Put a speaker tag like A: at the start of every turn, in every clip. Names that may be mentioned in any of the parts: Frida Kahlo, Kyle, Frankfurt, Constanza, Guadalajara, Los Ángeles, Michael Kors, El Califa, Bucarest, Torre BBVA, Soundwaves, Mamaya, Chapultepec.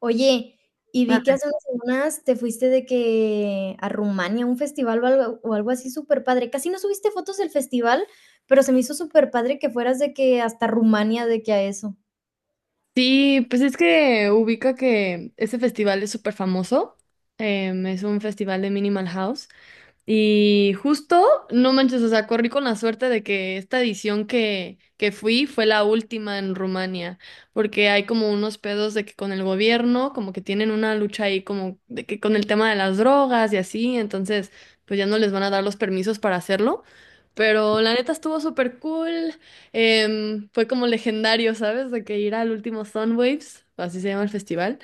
A: Oye, y vi que
B: Anda.
A: hace unas semanas te fuiste de que a Rumania, a un festival o algo así súper padre. Casi no subiste fotos del festival, pero se me hizo súper padre que fueras de que hasta Rumania, de que a eso.
B: Sí, pues es que ubica que ese festival es súper famoso. Es un festival de Minimal House. Y justo, no manches, o sea, corrí con la suerte de que esta edición que fui fue la última en Rumania, porque hay como unos pedos de que con el gobierno, como que tienen una lucha ahí como de que con el tema de las drogas y así, entonces pues ya no les van a dar los permisos para hacerlo, pero la neta estuvo súper cool. Fue como legendario, ¿sabes? De que ir al último Soundwaves, así se llama el festival.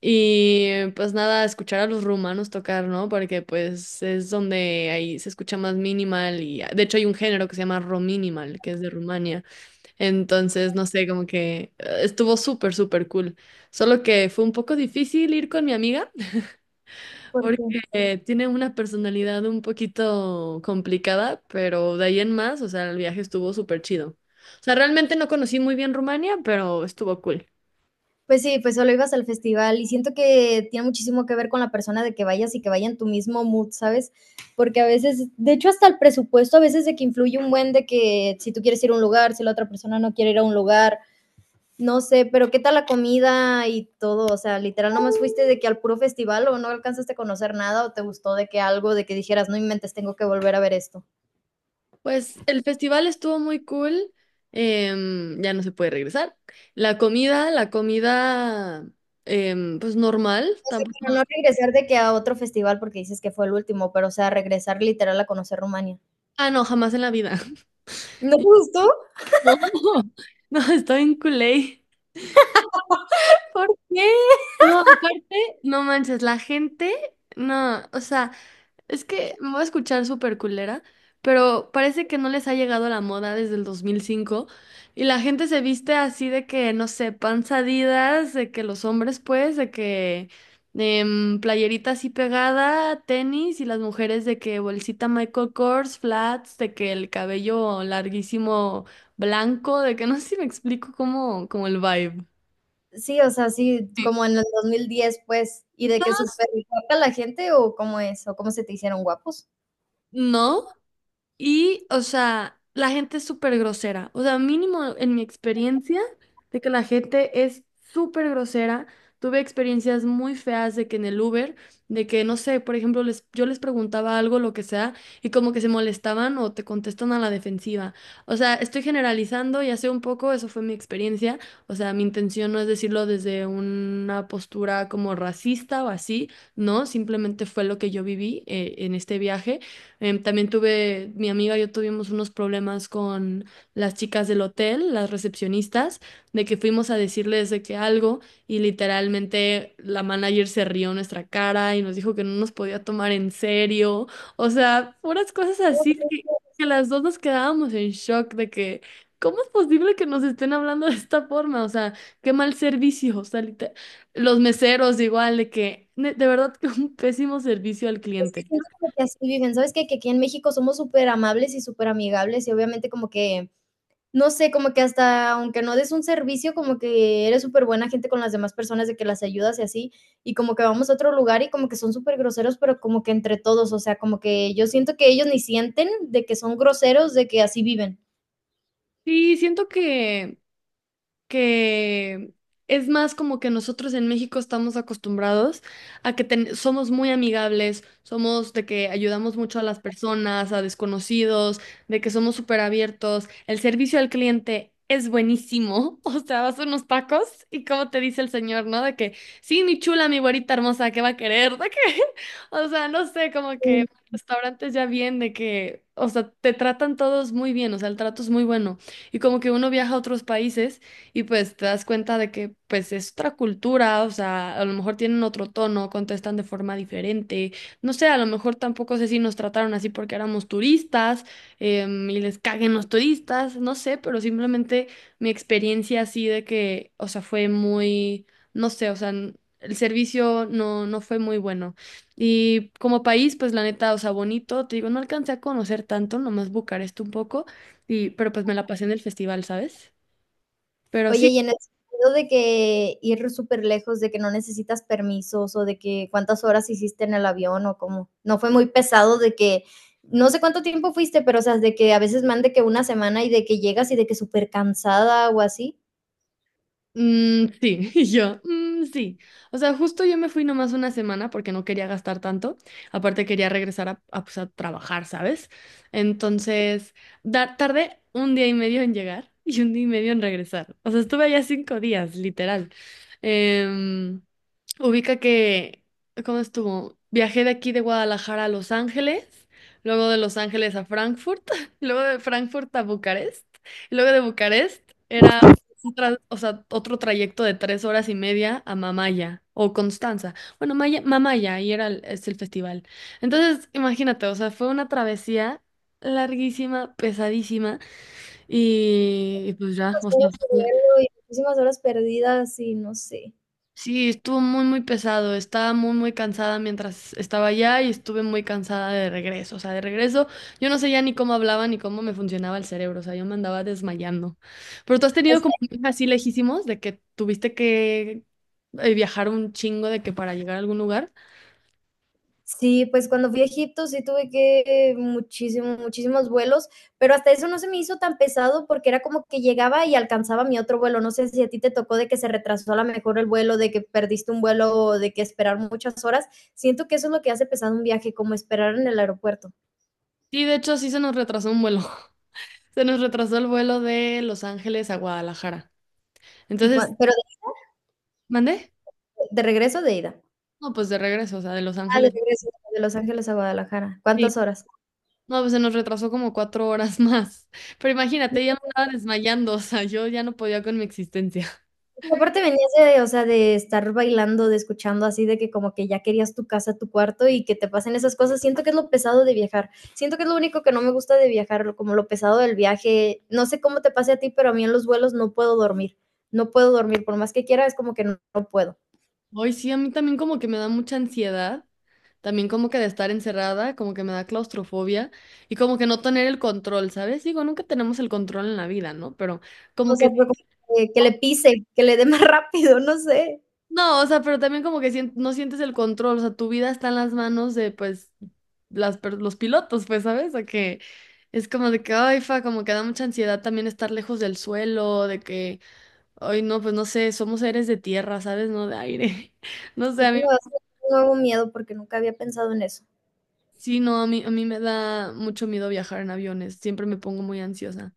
B: Y pues nada, escuchar a los rumanos tocar, ¿no? Porque pues es donde ahí se escucha más minimal y de hecho hay un género que se llama minimal que es de Rumania. Entonces, no sé, como que estuvo súper, súper cool. Solo que fue un poco difícil ir con mi amiga
A: ¿Por qué?
B: porque tiene una personalidad un poquito complicada, pero de ahí en más, o sea, el viaje estuvo súper chido. O sea, realmente no conocí muy bien Rumania, pero estuvo cool.
A: Pues sí, pues solo ibas al festival y siento que tiene muchísimo que ver con la persona de que vayas y que vaya en tu mismo mood, ¿sabes? Porque a veces, de hecho, hasta el presupuesto a veces de que influye un buen de que si tú quieres ir a un lugar, si la otra persona no quiere ir a un lugar, no sé, pero ¿qué tal la comida y todo? O sea, literal, nomás fuiste de que al puro festival o no alcanzaste a conocer nada o te gustó de que algo, de que dijeras, no inventes, tengo que volver a ver esto.
B: Pues el festival estuvo muy cool, ya no se puede regresar. La comida, pues normal,
A: O sea,
B: tampoco...
A: pero no regresar de que a otro festival porque dices que fue el último, pero o sea, regresar literal a conocer Rumania.
B: Ah, no, jamás en la vida.
A: ¿No te gustó?
B: No, no, estoy en culé.
A: ¿Por qué?
B: No, aparte, no manches, la gente, no, o sea... Es que me voy a escuchar súper culera, pero parece que no les ha llegado la moda desde el 2005 y la gente se viste así de que, no sé, panzadidas, de que los hombres pues, de que playerita así pegada, tenis y las mujeres de que bolsita Michael Kors, flats, de que el cabello larguísimo blanco, de que no sé si me explico como el vibe.
A: Sí, o sea, sí,
B: Sí.
A: como en el 2010, pues, y
B: Y
A: de que
B: todos,
A: súper guapa la gente o cómo es, o cómo se te hicieron guapos.
B: no. Y, o sea, la gente es súper grosera. O sea, mínimo en mi experiencia de que la gente es súper grosera. Tuve experiencias muy feas de que en el Uber, de que, no sé, por ejemplo, yo les preguntaba algo, lo que sea, y como que se molestaban o te contestan a la defensiva. O sea, estoy generalizando, ya sé un poco, eso fue mi experiencia. O sea, mi intención no es decirlo desde una postura como racista o así, no, simplemente fue lo que yo viví en este viaje. También tuve, mi amiga y yo tuvimos unos problemas con las chicas del hotel, las recepcionistas, de que fuimos a decirles de que algo y literalmente la manager se rió en nuestra cara y nos dijo que no nos podía tomar en serio. O sea, puras cosas así que las dos nos quedábamos en shock de que, ¿cómo es posible que nos estén hablando de esta forma? O sea, qué mal servicio. O sea, los meseros igual, de que, de verdad que un pésimo servicio al
A: Es que
B: cliente.
A: siento como que así viven, ¿sabes? Que aquí en México somos súper amables y súper amigables y obviamente como que no sé, como que hasta aunque no des un servicio, como que eres súper buena gente con las demás personas, de que las ayudas y así, y como que vamos a otro lugar y como que son súper groseros, pero como que entre todos, o sea, como que yo siento que ellos ni sienten de que son groseros, de que así viven.
B: Sí, siento que es más como que nosotros en México estamos acostumbrados a que somos muy amigables, somos de que ayudamos mucho a las personas, a desconocidos, de que somos súper abiertos. El servicio al cliente es buenísimo. O sea, vas a unos tacos y como te dice el señor, ¿no? De que, sí, mi chula, mi güerita hermosa, ¿qué va a querer? De que, o sea, no sé, como que restaurantes ya bien, de que, o sea, te tratan todos muy bien, o sea, el trato es muy bueno. Y como que uno viaja a otros países. Y pues te das cuenta de que pues es otra cultura, o sea, a lo mejor tienen otro tono, contestan de forma diferente, no sé, a lo mejor tampoco sé si nos trataron así porque éramos turistas y les caguen los turistas, no sé, pero simplemente mi experiencia así de que, o sea, fue muy, no sé, o sea, el servicio no, no fue muy bueno. Y como país, pues la neta, o sea, bonito, te digo, no alcancé a conocer tanto, nomás Bucarest un poco, y, pero pues me la pasé en el festival, ¿sabes? Pero
A: Oye,
B: sí.
A: y en el sentido de que ir súper lejos, de que no necesitas permisos, o de que cuántas horas hiciste en el avión, o cómo, ¿no fue muy pesado de que no sé cuánto tiempo fuiste, pero, o sea, de que a veces me han de que una semana y de que llegas y de que súper cansada o así?
B: Mm, sí, y yo, "Mm, sí." O sea, justo yo me fui nomás una semana porque no quería gastar tanto. Aparte quería regresar pues a trabajar, ¿sabes? Entonces, tardé un día y medio en llegar y un día y medio en regresar. O sea, estuve allá 5 días, literal. Em, ubica que, ¿cómo estuvo? Viajé de aquí de Guadalajara a Los Ángeles, luego de Los Ángeles a Frankfurt, luego de Frankfurt a Bucarest, y luego de Bucarest era un o sea, otro trayecto de 3 horas y media a Mamaya o Constanza. Bueno, Maya, Mamaya, ahí era el, es el festival. Entonces, imagínate, o sea, fue una travesía larguísima, pesadísima, y pues ya, o sea,
A: Muchísimas horas perdidas y muchísimas horas perdidas y no sé.
B: sí, estuvo muy, muy pesado. Estaba muy, muy cansada mientras estaba allá y estuve muy cansada de regreso. O sea, de regreso yo no sé ya ni cómo hablaba ni cómo me funcionaba el cerebro. O sea, yo me andaba desmayando. Pero tú has tenido como un viaje así lejísimos de que tuviste que viajar un chingo de que para llegar a algún lugar.
A: Sí, pues cuando fui a Egipto sí tuve que muchísimo, muchísimos vuelos, pero hasta eso no se me hizo tan pesado porque era como que llegaba y alcanzaba mi otro vuelo. No sé si a ti te tocó de que se retrasó a lo mejor el vuelo, de que perdiste un vuelo o de que esperar muchas horas. Siento que eso es lo que hace pesado un viaje, como esperar en el aeropuerto.
B: Sí, de hecho sí se nos retrasó un vuelo. Se nos retrasó el vuelo de Los Ángeles a Guadalajara.
A: Y
B: Entonces,
A: cuan pero de
B: ¿mandé?
A: de regreso o de ida.
B: No, pues de regreso, o sea, de Los
A: Ah, de
B: Ángeles.
A: regreso de Los Ángeles a Guadalajara, ¿cuántas horas?
B: No, pues se nos retrasó como 4 horas más. Pero imagínate, ya me andaba desmayando, o sea, yo ya no podía con mi existencia.
A: Y aparte venías de, o sea, de estar bailando, de escuchando así, de que como que ya querías tu casa, tu cuarto y que te pasen esas cosas. Siento que es lo pesado de viajar. Siento que es lo único que no me gusta de viajar, lo- como lo pesado del viaje. No sé cómo te pase a ti, pero a mí en los vuelos no puedo dormir. No puedo dormir, por más que quiera, es como que no, no puedo.
B: Hoy sí, a mí también como que me da mucha ansiedad, también como que de estar encerrada, como que me da claustrofobia y como que no tener el control, ¿sabes? Digo, nunca tenemos el control en la vida, ¿no? Pero
A: O
B: como
A: sea,
B: que...
A: pero como que le
B: No,
A: pise, que le dé más rápido, no sé.
B: no, o sea, pero también como que no sientes el control, o sea, tu vida está en las manos de, pues, las, los pilotos, pues, ¿sabes? O que... Es como de que, ay, fa, como que da mucha ansiedad también estar lejos del suelo, de que ay, no, pues no sé, somos seres de tierra, ¿sabes? No de aire. No sé,
A: Creo
B: a
A: que
B: mí
A: me va a ser un nuevo miedo porque nunca había pensado en eso.
B: sí, no, a mí me da mucho miedo viajar en aviones, siempre me pongo muy ansiosa.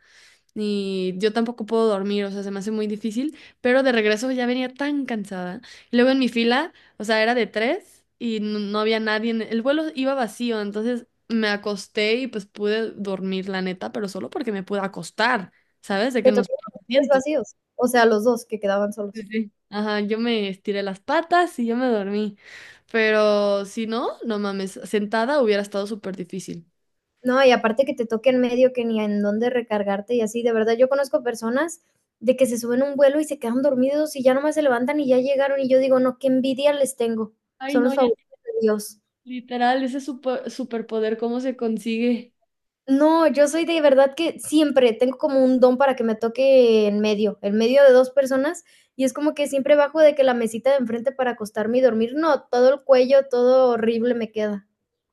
B: Y yo tampoco puedo dormir, o sea, se me hace muy difícil, pero de regreso ya venía tan cansada. Y luego en mi fila, o sea, era de tres y no, no había nadie, el vuelo iba vacío, entonces me acosté y pues pude dormir, la neta, pero solo porque me pude acostar, ¿sabes? De
A: ¿Te
B: que no
A: tocaron los 3 vacíos? O sea, los 2 que quedaban
B: sí,
A: solos.
B: sí. Ajá, yo me estiré las patas y yo me dormí. Pero si no, no mames, sentada hubiera estado súper difícil.
A: No, y aparte que te toque en medio, que ni en dónde recargarte y así, de verdad yo conozco personas de que se suben a un vuelo y se quedan dormidos y ya nomás se levantan y ya llegaron y yo digo, no, qué envidia les tengo,
B: Ay,
A: son
B: no,
A: los
B: ya.
A: favoritos de Dios.
B: Literal, ese superpoder, ¿cómo se consigue?
A: No, yo soy de verdad que siempre tengo como un don para que me toque en medio de 2 personas, y es como que siempre bajo de que la mesita de enfrente para acostarme y dormir, no, todo el cuello, todo horrible me queda.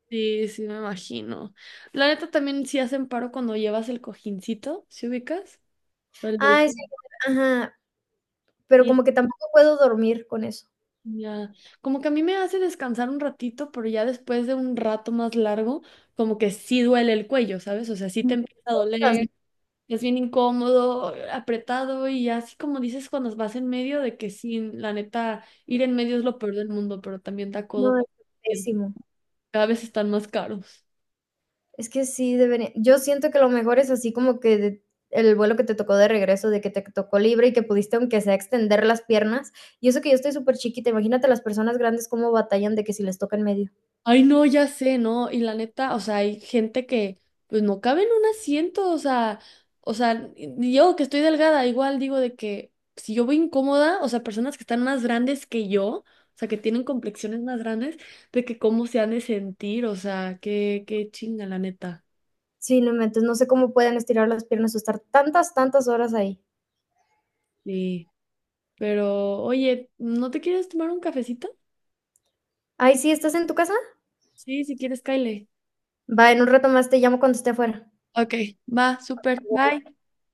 B: Sí, sí, me imagino. La neta también sí hacen paro cuando llevas el cojincito, ¿sí ubicas? Lo del
A: Ay,
B: velcro.
A: sí, ajá, pero
B: Y
A: como que tampoco puedo dormir con eso.
B: ya. Como que a mí me hace descansar un ratito, pero ya después de un rato más largo, como que sí duele el cuello, ¿sabes? O sea, sí te
A: Como que
B: empieza a
A: esas.
B: doler. Es bien incómodo, apretado y así como dices cuando vas en medio de que sí, la neta, ir en medio es lo peor del mundo, pero también da codo.
A: No,
B: pa-
A: es
B: siento.
A: pésimo.
B: Cada vez están más caros.
A: Es que sí debería yo siento que lo mejor es así como que de el vuelo que te tocó de regreso, de que te tocó libre y que pudiste, aunque sea, extender las piernas. Y eso que yo estoy súper chiquita. Imagínate las personas grandes cómo batallan de que si les toca en medio.
B: Ay, no, ya sé, ¿no? Y la neta, o sea, hay gente que pues no cabe en un asiento, o sea, yo que estoy delgada, igual digo de que si yo voy incómoda, o sea, personas que están más grandes que yo, o sea, que tienen complexiones más grandes, de que cómo se han de sentir, o sea, qué, qué chinga, la neta.
A: Sí, no inventes, no sé cómo pueden estirar las piernas o estar tantas, tantas horas ahí.
B: Sí. Pero, oye, ¿no te quieres tomar un cafecito?
A: Ay, sí, ¿estás en tu casa?
B: Sí, si quieres, Kyle.
A: Va, en un rato más te llamo cuando esté afuera.
B: Ok, va, súper. Bye.